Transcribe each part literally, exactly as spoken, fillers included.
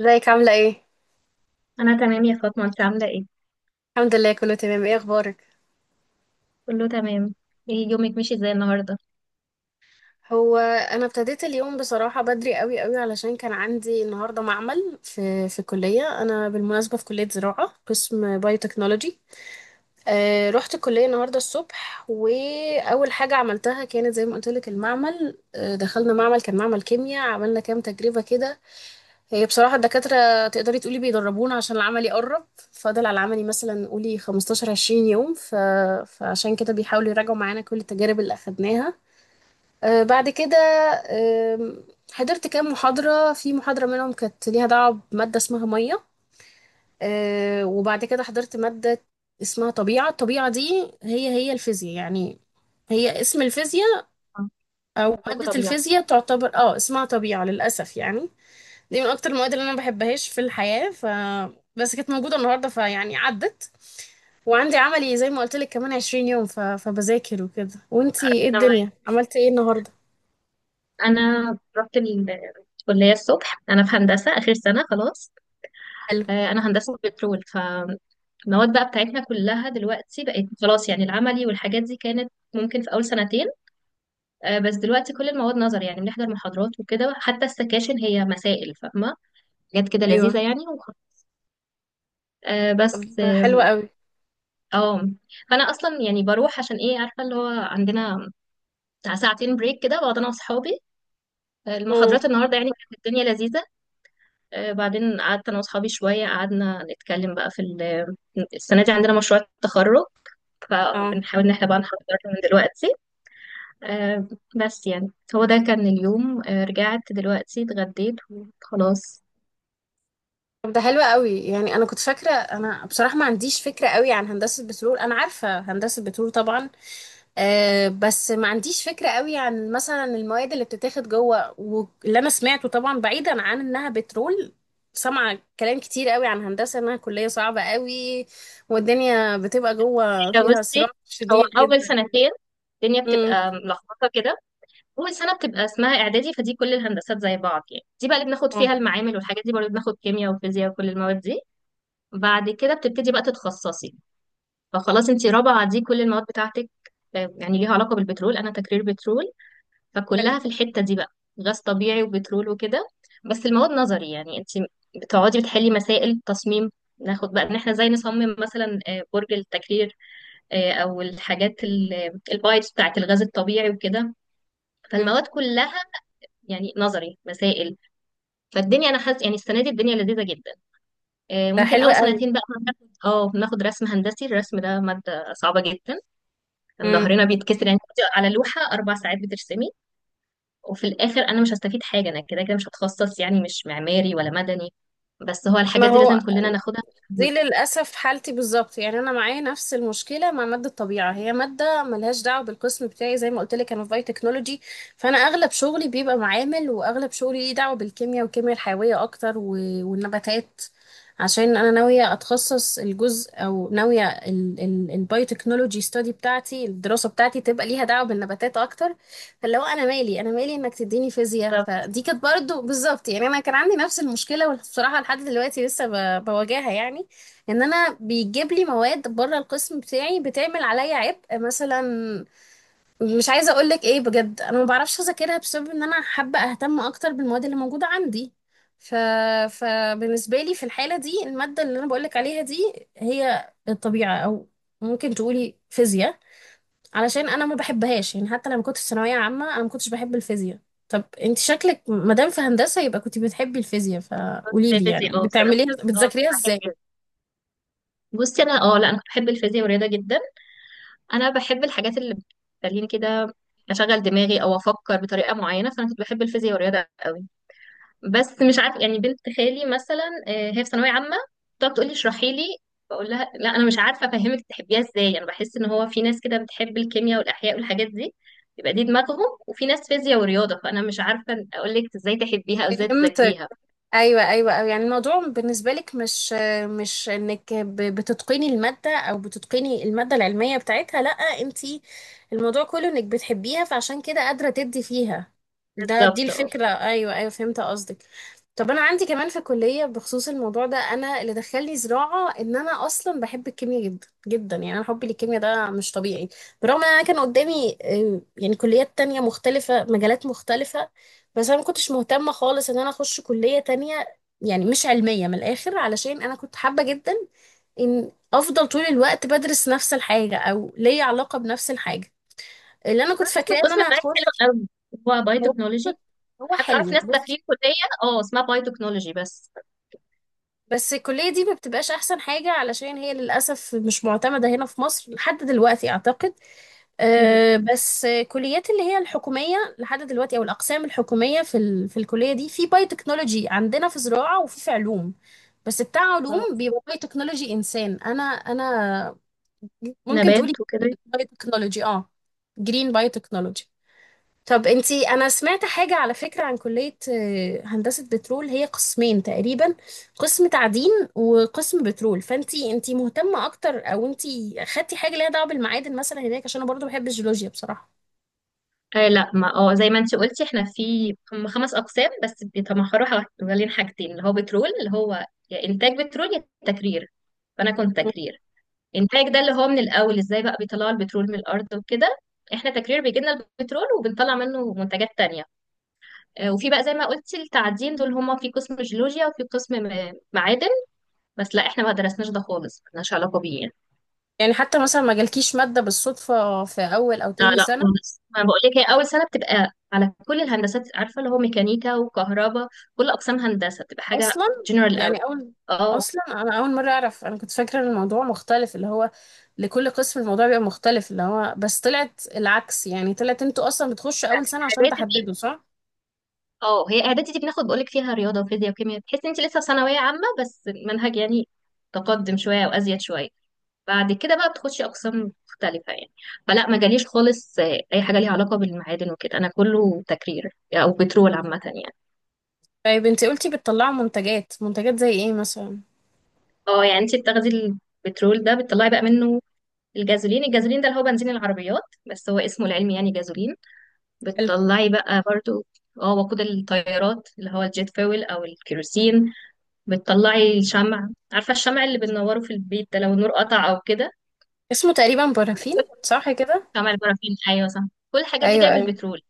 ازيك عاملة ايه؟ انا تمام يا فاطمه، انت عامله ايه؟ الحمد لله كله تمام. ايه اخبارك؟ كله تمام. ايه، يومك ماشي ازاي النهارده؟ هو انا ابتديت اليوم بصراحة بدري قوي قوي، علشان كان عندي النهاردة معمل في في الكلية. انا بالمناسبة في كلية زراعة قسم بايوتكنولوجي. آه رحت الكلية النهاردة الصبح، واول حاجة عملتها كانت زي ما قلت لك المعمل. آه دخلنا معمل، كان معمل كيمياء، عملنا كام تجربة كده. هي بصراحة الدكاترة تقدري تقولي بيدربونا عشان العملي قرب. فاضل على العملي مثلا قولي خمستاشر عشرين يوم ف... فعشان كده بيحاولوا يراجعوا معانا كل التجارب اللي أخدناها. آه بعد كده آم، حضرت كام محاضرة، في محاضرة منهم كانت ليها دعوة بمادة اسمها مية. آه وبعد كده حضرت مادة اسمها طبيعة. الطبيعة دي هي هي الفيزياء يعني. هي اسم الفيزياء، آه، أو عندكم مادة طبيعة؟ الفيزياء تعتبر اه اسمها طبيعة للأسف يعني. دي من اكتر المواد اللي انا ما بحبهاش في الحياة ف بس كانت موجودة النهاردة فيعني عدت. وعندي عملي زي ما قلت لك كمان عشرين يوم ف... فبذاكر وكده. وانتي ايه انا معاك. الدنيا، عملتي ايه النهاردة؟ انا رحت ال- الكليه الصبح. انا في هندسه اخر سنه خلاص. حلو. آه، انا هندسه بترول، فالمواد بقى بتاعتنا كلها دلوقتي بقت خلاص، يعني العملي والحاجات دي كانت ممكن في اول سنتين. آه، بس دلوقتي كل المواد نظري، يعني بنحضر محاضرات وكده، حتى السكاشن هي مسائل فاهمه، حاجات كده ايوه. لذيذه يعني. وخ- آه، طب بس ده اه حلو قوي. آه. فانا اصلا يعني بروح عشان ايه، عارفه اللي هو، عندنا بتاع ساعتين بريك كده بقعد انا واصحابي امم. المحاضرات النهارده. يعني كانت الدنيا لذيذه. آه، بعدين قعدت انا واصحابي شويه، قعدنا نتكلم بقى في ال- السنه دي عندنا مشروع التخرج، اه. فبنحاول ان احنا بقى نحضره من دلوقتي. آه، بس يعني هو ده كان اليوم. آه، رجعت دلوقتي، اتغديت وخلاص. طب ده حلو قوي يعني. انا كنت فاكرة، انا بصراحة ما عنديش فكرة قوي عن هندسة بترول. انا عارفة هندسة بترول طبعا. أه بس ما عنديش فكرة قوي عن مثلا المواد اللي بتتاخد جوه، واللي انا سمعته طبعا بعيدا عن انها بترول، سامعة كلام كتير قوي عن هندسة انها كلية صعبة قوي والدنيا بتبقى جوه هي فيها بصي، صراع هو شديد اول جدا يعني. سنتين الدنيا امم. بتبقى ملخبطه كده. اول سنه بتبقى اسمها اعدادي، فدي كل الهندسات زي بعض، يعني دي بقى اللي بناخد اه. فيها المعامل والحاجات دي، برضه بناخد كيمياء وفيزياء وكل المواد دي. بعد كده بتبتدي بقى تتخصصي، فخلاص انت رابعة دي كل المواد بتاعتك آه، يعني ليها علاقة بالبترول. انا تكرير بترول، حلو. فكلها في الحتة دي بقى، غاز طبيعي وبترول وكده. بس المواد نظري، يعني انت بتقعدي بتحلي مسائل تصميم، ناخد بقى ان احنا ازاي نصمم مثلا آه، برج التكرير، آه، او الحاجات ال- آه، البايبس بتاعت الغاز الطبيعي وكده. امم. فالمواد كلها يعني نظري مسائل. فالدنيا انا حاسه يعني السنه دي الدنيا لذيذه جدا. آه، ده ممكن حلو اول قوي. سنتين بقى بناخد اه بناخد رسم هندسي. الرسم ده ماده صعبه جدا. كان امم. ظهرنا بيتكسر، يعني كنت على لوحه اربع ساعات بترسمي. وفي الاخر انا مش هستفيد حاجه، انا كده كده مش هتخصص يعني مش معماري ولا مدني، بس هو ما الحاجات دي هو لازم كلنا ناخدها. دي للأسف حالتي بالظبط يعني. أنا معايا نفس المشكلة مع مادة الطبيعة. هي مادة ملهاش دعوة بالقسم بتاعي، زي ما قلت لك أنا في باي تكنولوجي. فأنا أغلب شغلي بيبقى معامل، وأغلب شغلي ليه دعوة بالكيمياء والكيمياء الحيوية أكتر و... والنباتات. عشان أنا ناوية أتخصص الجزء، أو ناوية ال... ال... الباي تكنولوجي ستادي بتاعتي، الدراسة بتاعتي تبقى ليها دعوة بالنباتات أكتر. فاللي هو أنا مالي، أنا مالي إنك تديني فيزياء. بالظبط. فدي كانت برضه بالظبط يعني. أنا كان عندي نفس المشكلة، وبصراحة لحد دلوقتي لسه ب... بواجهها يعني. ان انا بيجيب لي مواد بره القسم بتاعي بتعمل عليا عبء مثلا. مش عايزه اقول لك ايه، بجد انا ما بعرفش اذاكرها بسبب ان انا حابه اهتم اكتر بالمواد اللي موجوده عندي ف... فبالنسبه لي في الحاله دي، الماده اللي انا بقول لك عليها دي هي الطبيعه، او ممكن تقولي فيزياء. علشان انا ما بحبهاش يعني، حتى لما كنت في ثانويه عامه انا ما كنتش بحب الفيزياء. طب انت شكلك مادام في هندسه يبقى كنت بتحبي الفيزياء، فقولي لي يعني الفيزياء، اه بصراحه، بتعمليها اه بتذاكريها بحب ازاي؟ الفيزياء. بصي، انا اه لا، انا كنت بحب الفيزياء والرياضه جدا. انا بحب الحاجات اللي بتخليني كده اشغل دماغي او افكر بطريقه معينه، فانا كنت بحب الفيزياء والرياضه قوي. بس مش عارف يعني بنت خالي مثلا، آه، هي في ثانويه عامه، بتقعد تقول لي اشرحي لي. بقول لها لا، انا مش عارفه افهمك تحبيها ازاي. انا بحس ان هو في ناس كده بتحب الكيمياء والاحياء والحاجات دي، يبقى دي دماغهم، وفي ناس فيزياء ورياضه. فانا مش عارفه اقول لك ازاي تحبيها او ازاي فهمت. تذاكريها. ايوه ايوه أيوة. يعني الموضوع بالنسبه لك مش مش انك ب- بتتقني الماده، او بتتقني الماده العلميه بتاعتها، لا انت الموضوع كله انك بتحبيها فعشان كده قادره تدي فيها. ده دي بالظبط. اه الفكره. ايوه ايوه فهمت قصدك. طب انا عندي كمان في الكليه بخصوص الموضوع ده، انا اللي دخلني زراعه ان انا اصلا بحب الكيمياء جدا جدا يعني. انا حبي للكيمياء ده مش طبيعي. برغم ان انا كان قدامي آه، يعني كليات تانية مختلفه مجالات مختلفه، بس انا ما كنتش مهتمه خالص ان انا اخش كليه تانية. يعني مش علميه من الاخر، علشان انا كنت حابه جدا ان افضل طول الوقت بدرس نفس الحاجه، او ليا علاقه بنفس الحاجه اللي انا كنت أنا حاسة إن فاكراه ان القسم انا بتاعي هخش. حلو قوي، هو باي هو تكنولوجي. هو حتى اعرف حلو ناس بصي. داخلين كليه اه اسمها باي تكنولوجي بس. بس الكليه دي ما بتبقاش احسن حاجه علشان هي للاسف مش معتمده هنا في مصر لحد دلوقتي اعتقد. إيه، أه بس آه، كليات اللي هي الحكومية لحد دلوقتي، أو الأقسام الحكومية في ال... في الكلية دي في باي تكنولوجي، عندنا في زراعة وفي في علوم. بس بتاع علوم آه، بيبقى باي تكنولوجي إنسان. أنا أنا ممكن تقولي نبات وكده. باي تكنولوجي اه جرين باي تكنولوجي. طب انتي، أنا سمعت حاجة على فكرة عن كلية آه، هندسة بترول. هي قسمين تقريبا، قسم تعدين وقسم بترول. فانتي انتي مهتمة أكتر، أو انتي خدتي حاجة ليها دعوة بالمعادن مثلا هناك؟ عشان أنا برضو بحب الجيولوجيا بصراحة. آه لا، ما اه زي ما انت قلتي احنا في هم خمس اقسام، بس بيتمحوروا حوالين حوالين حاجتين، اللي هو بترول، اللي هو يا انتاج بترول يا تكرير. فانا كنت تكرير. انتاج ده اللي هو من الاول ازاي بقى بيطلعوا البترول من الارض وكده. احنا تكرير بيجي لنا البترول، وبنطلع منه منتجات تانية. آه، وفي بقى زي ما قلتي التعدين، دول هما في قسم جيولوجيا وفي قسم م- معادن. بس لا احنا ما درسناش ده خالص، ملناش علاقة بيه يعني. يعني حتى مثلا ما جالكيش مادة بالصدفة في أول أو لا تاني لا سنة؟ خالص، ما بقول لك، هي اول سنه بتبقى على كل الهندسات، عارفه اللي هو ميكانيكا وكهرباء، كل اقسام هندسه بتبقى حاجه أصلا. جنرال قوي. يعني أول اه أصلا أنا أول مرة أعرف. أنا كنت فاكرة إن الموضوع مختلف اللي هو لكل قسم الموضوع بيبقى مختلف اللي هو، بس طلعت العكس. يعني طلعت أنتوا أصلا بتخشوا أول سنة عشان اعدادي دي تحددوا، صح؟ اه هي اعدادي دي بناخد، بقول لك فيها رياضه وفيزياء وكيمياء، تحس انت لسه في ثانويه عامه بس المنهج يعني تقدم شويه وازيد شويه. بعد كده بقى بتخشي اقسام مختلفه يعني. فلا، ما جاليش خالص آه، اي حاجه ليها علاقه بالمعادن وكده، انا كله تكرير او بترول عامه يعني. طيب أنتي قلتي بتطلعوا منتجات، منتجات زي إيه مثلا؟ اه يعني انت بتاخدي البترول ده، بتطلعي بقى منه الجازولين. الجازولين ده اللي هو بنزين العربيات، بس هو اسمه العلمي يعني جازولين. حلو. بتطلعي بقى برضو اه وقود الطيارات، اللي هو الجيت فويل او الكيروسين. بتطلعي الشمع، عارفه الشمع اللي بننوره في البيت ده لو النور قطع او كده. اسمه تقريبا بارافين، صح كده؟ شمع البرافين، ايوه صح. كل الحاجات دي أيوه جايه من أيوه. البترول.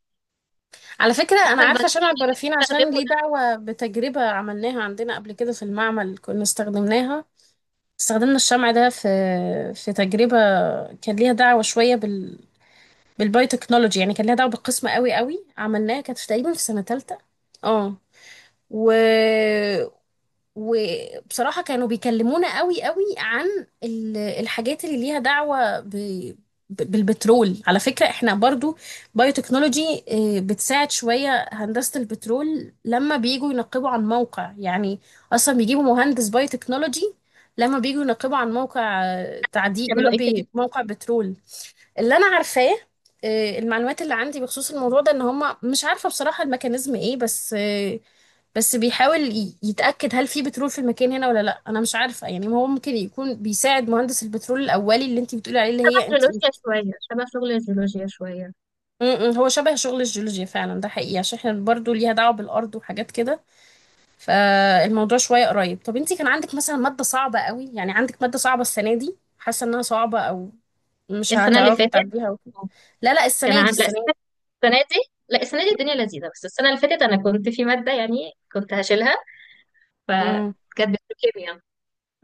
على فكرة أنا عارفه عارفة شمع البنزين اللي البرافين عشان بنستخدمه ليه ده دعوة بتجربة عملناها عندنا قبل كده في المعمل، كنا استخدمناها. استخدمنا الشمع ده في في تجربة كان ليها دعوة شوية بال بالبايوتكنولوجي يعني، كان ليها دعوة بالقسمة قوي قوي، عملناها كانت تقريبا في سنة تالتة. اه و... وبصراحة كانوا بيكلمونا قوي قوي عن ال- الحاجات اللي ليها دعوة ب... ب- بالبترول. على فكرة احنا برضو بايوتكنولوجي آه، بتساعد شوية هندسة البترول لما بييجوا ينقبوا عن موقع يعني. اصلا بيجيبوا مهندس بايوتكنولوجي لما بييجوا ينقبوا عن موقع آه، تعدين، يا بيعملوا ايه كده. ربي موقع بترول. اللي انا عارفاه، آه، المعلومات اللي عندي بخصوص الموضوع ده ان هم، مش عارفة بصراحة الميكانيزم ايه، بس آه، بس بيحاول ي- يتأكد هل في بترول في المكان هنا ولا لا. انا مش عارفة يعني، هو ممكن يكون بيساعد مهندس البترول الاولي اللي انت بتقولي عليه اللي شبه هي انت م- جيولوجيا شويه، شبه شغل الجيولوجيا شويه. م، هو شبه شغل الجيولوجيا فعلا، ده حقيقي عشان احنا برضو ليها دعوة بالارض وحاجات كده. فالموضوع شوية قريب. طب انت كان عندك مثلا مادة صعبة قوي، يعني عندك مادة صعبة السنة دي حاسة انها صعبة او مش السنه اللي هتعرفي فاتت تعديها وكده؟ لا لا، كان السنة دي عن... لا، السنة دي. السنه، السنة دي، لا، السنه دي الدنيا لذيذه. بس السنه اللي فاتت انا كنت في ماده يعني كنت هشيلها، امم فكانت بتروكيميا.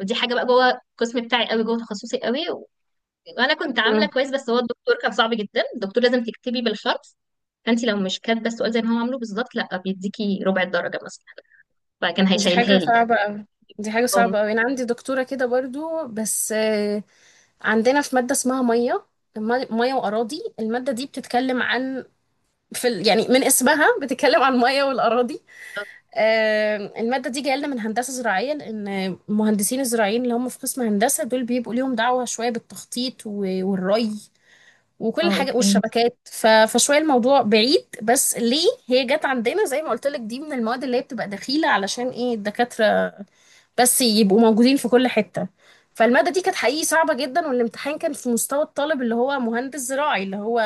ودي حاجه بقى جوه القسم بتاعي قوي، جوه تخصصي قوي، و- وانا كنت عامله امم. كويس، بس هو الدكتور كان صعب جدا. الدكتور لازم تكتبي بالحرف، فانت لو مش كاتبه السؤال زي ما هو عامله بالظبط لا بيديكي ربع الدرجه مثلا. فكان دي هيشيلها حاجة لي يعني. صعبة قوي، دي حاجة اه صعبة قوي. أنا عندي دكتورة كده برضو بس. عندنا في مادة اسمها مية. الم- مية وأراضي. المادة دي بتتكلم عن في ال... يعني من اسمها بتتكلم عن المية والأراضي. آم، المادة دي جاية لنا من هندسة زراعية، لأن المهندسين الزراعيين اللي هم في قسم هندسة دول بيبقوا ليهم دعوة شوية بالتخطيط و- والري وكل آه، حاجة اوكي. والشبكات ف... فشوية الموضوع بعيد، بس ليه هي جت عندنا زي ما قلت لك دي من المواد اللي هي بتبقى دخيلة علشان ايه الدكاترة بس يبقوا موجودين في كل حتة. فالمادة دي كانت حقيقي صعبة جدا، والامتحان كان في مستوى الطالب اللي هو مهندس زراعي، اللي هو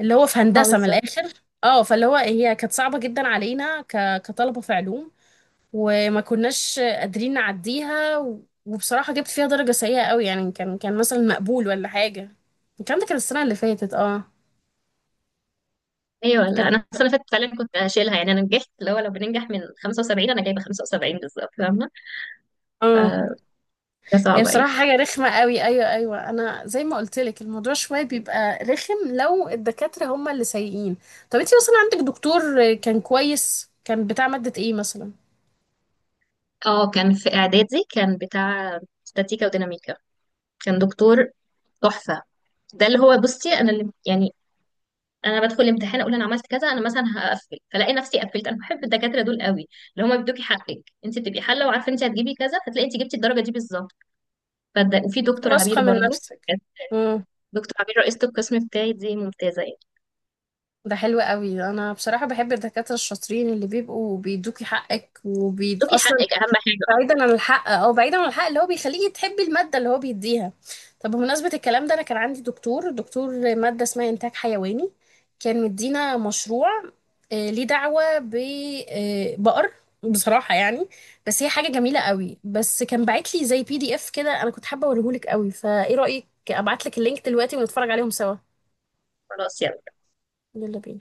اللي هو في اه هندسة من بالظبط. الآخر. اه فاللي هو هي كانت صعبة جدا علينا ك... كطلبة في علوم، وما كناش قادرين نعديها و... وبصراحة جبت فيها درجة سيئة قوي يعني. كان كان مثلا مقبول ولا حاجة. الكلام ده كان السنة اللي فاتت اه ايوه، لا كانت انا السنه اللي فاتت فعلا كنت هشيلها. يعني انا نجحت، اللي هو لو بننجح من خمسة وسبعين، انا جايبه خمسة وسبعين بالظبط. فاهمه؟ اه آه، حاجه هي صعبه يعني. بصراحة حاجة رخمة قوي. أيوة أيوة. أنا زي ما قلت لك الموضوع شوية بيبقى رخم لو الدكاترة هما اللي سيئين. طب أنت مثلا عندك دكتور كان كويس كان بتاع مادة إيه مثلا؟ اه كان في اعدادي، كان بتاع استاتيكا وديناميكا. كان دكتور تحفه. ده اللي هو بصي، انا اللي يعني انا بدخل الامتحان اقول انا عملت كذا، انا مثلا هقفل فلاقي نفسي قفلت. انا بحب الدكاتره دول قوي، اللي هم بيدوكي حقك، انت بتبقي حله وعارفه انت هتجيبي كذا، فتلاقي انت جبتي الدرجه دي بالظبط. فده، وفي أنت دكتور عبير واثقة من برضو. نفسك. امم. دكتور عبير رئيسه القسم بتاعي، دي ممتازه يعني. ده حلو قوي. أنا بصراحة بحب الدكاترة الشاطرين اللي بيبقوا بيدوكي حقك، وبي بتدوكي أصلا حقك اهم حاجه. آه، بعيدا عن الحق اه بعيدا عن الحق اللي هو بيخليكي تحبي المادة اللي هو بيديها. طب بمناسبة الكلام ده، انا كان عندي دكتور دكتور مادة اسمها انتاج حيواني، كان مدينا مشروع آه، ليه دعوة ببقر. بصراحة يعني بس هي حاجة جميلة قوي، بس كان باعت لي زي بي دي اف كده. انا كنت حابة اوريهولك قوي، فايه رأيك ابعت لك اللينك دلوقتي ونتفرج عليهم سوا؟ خلاص، يلا. يلا بينا.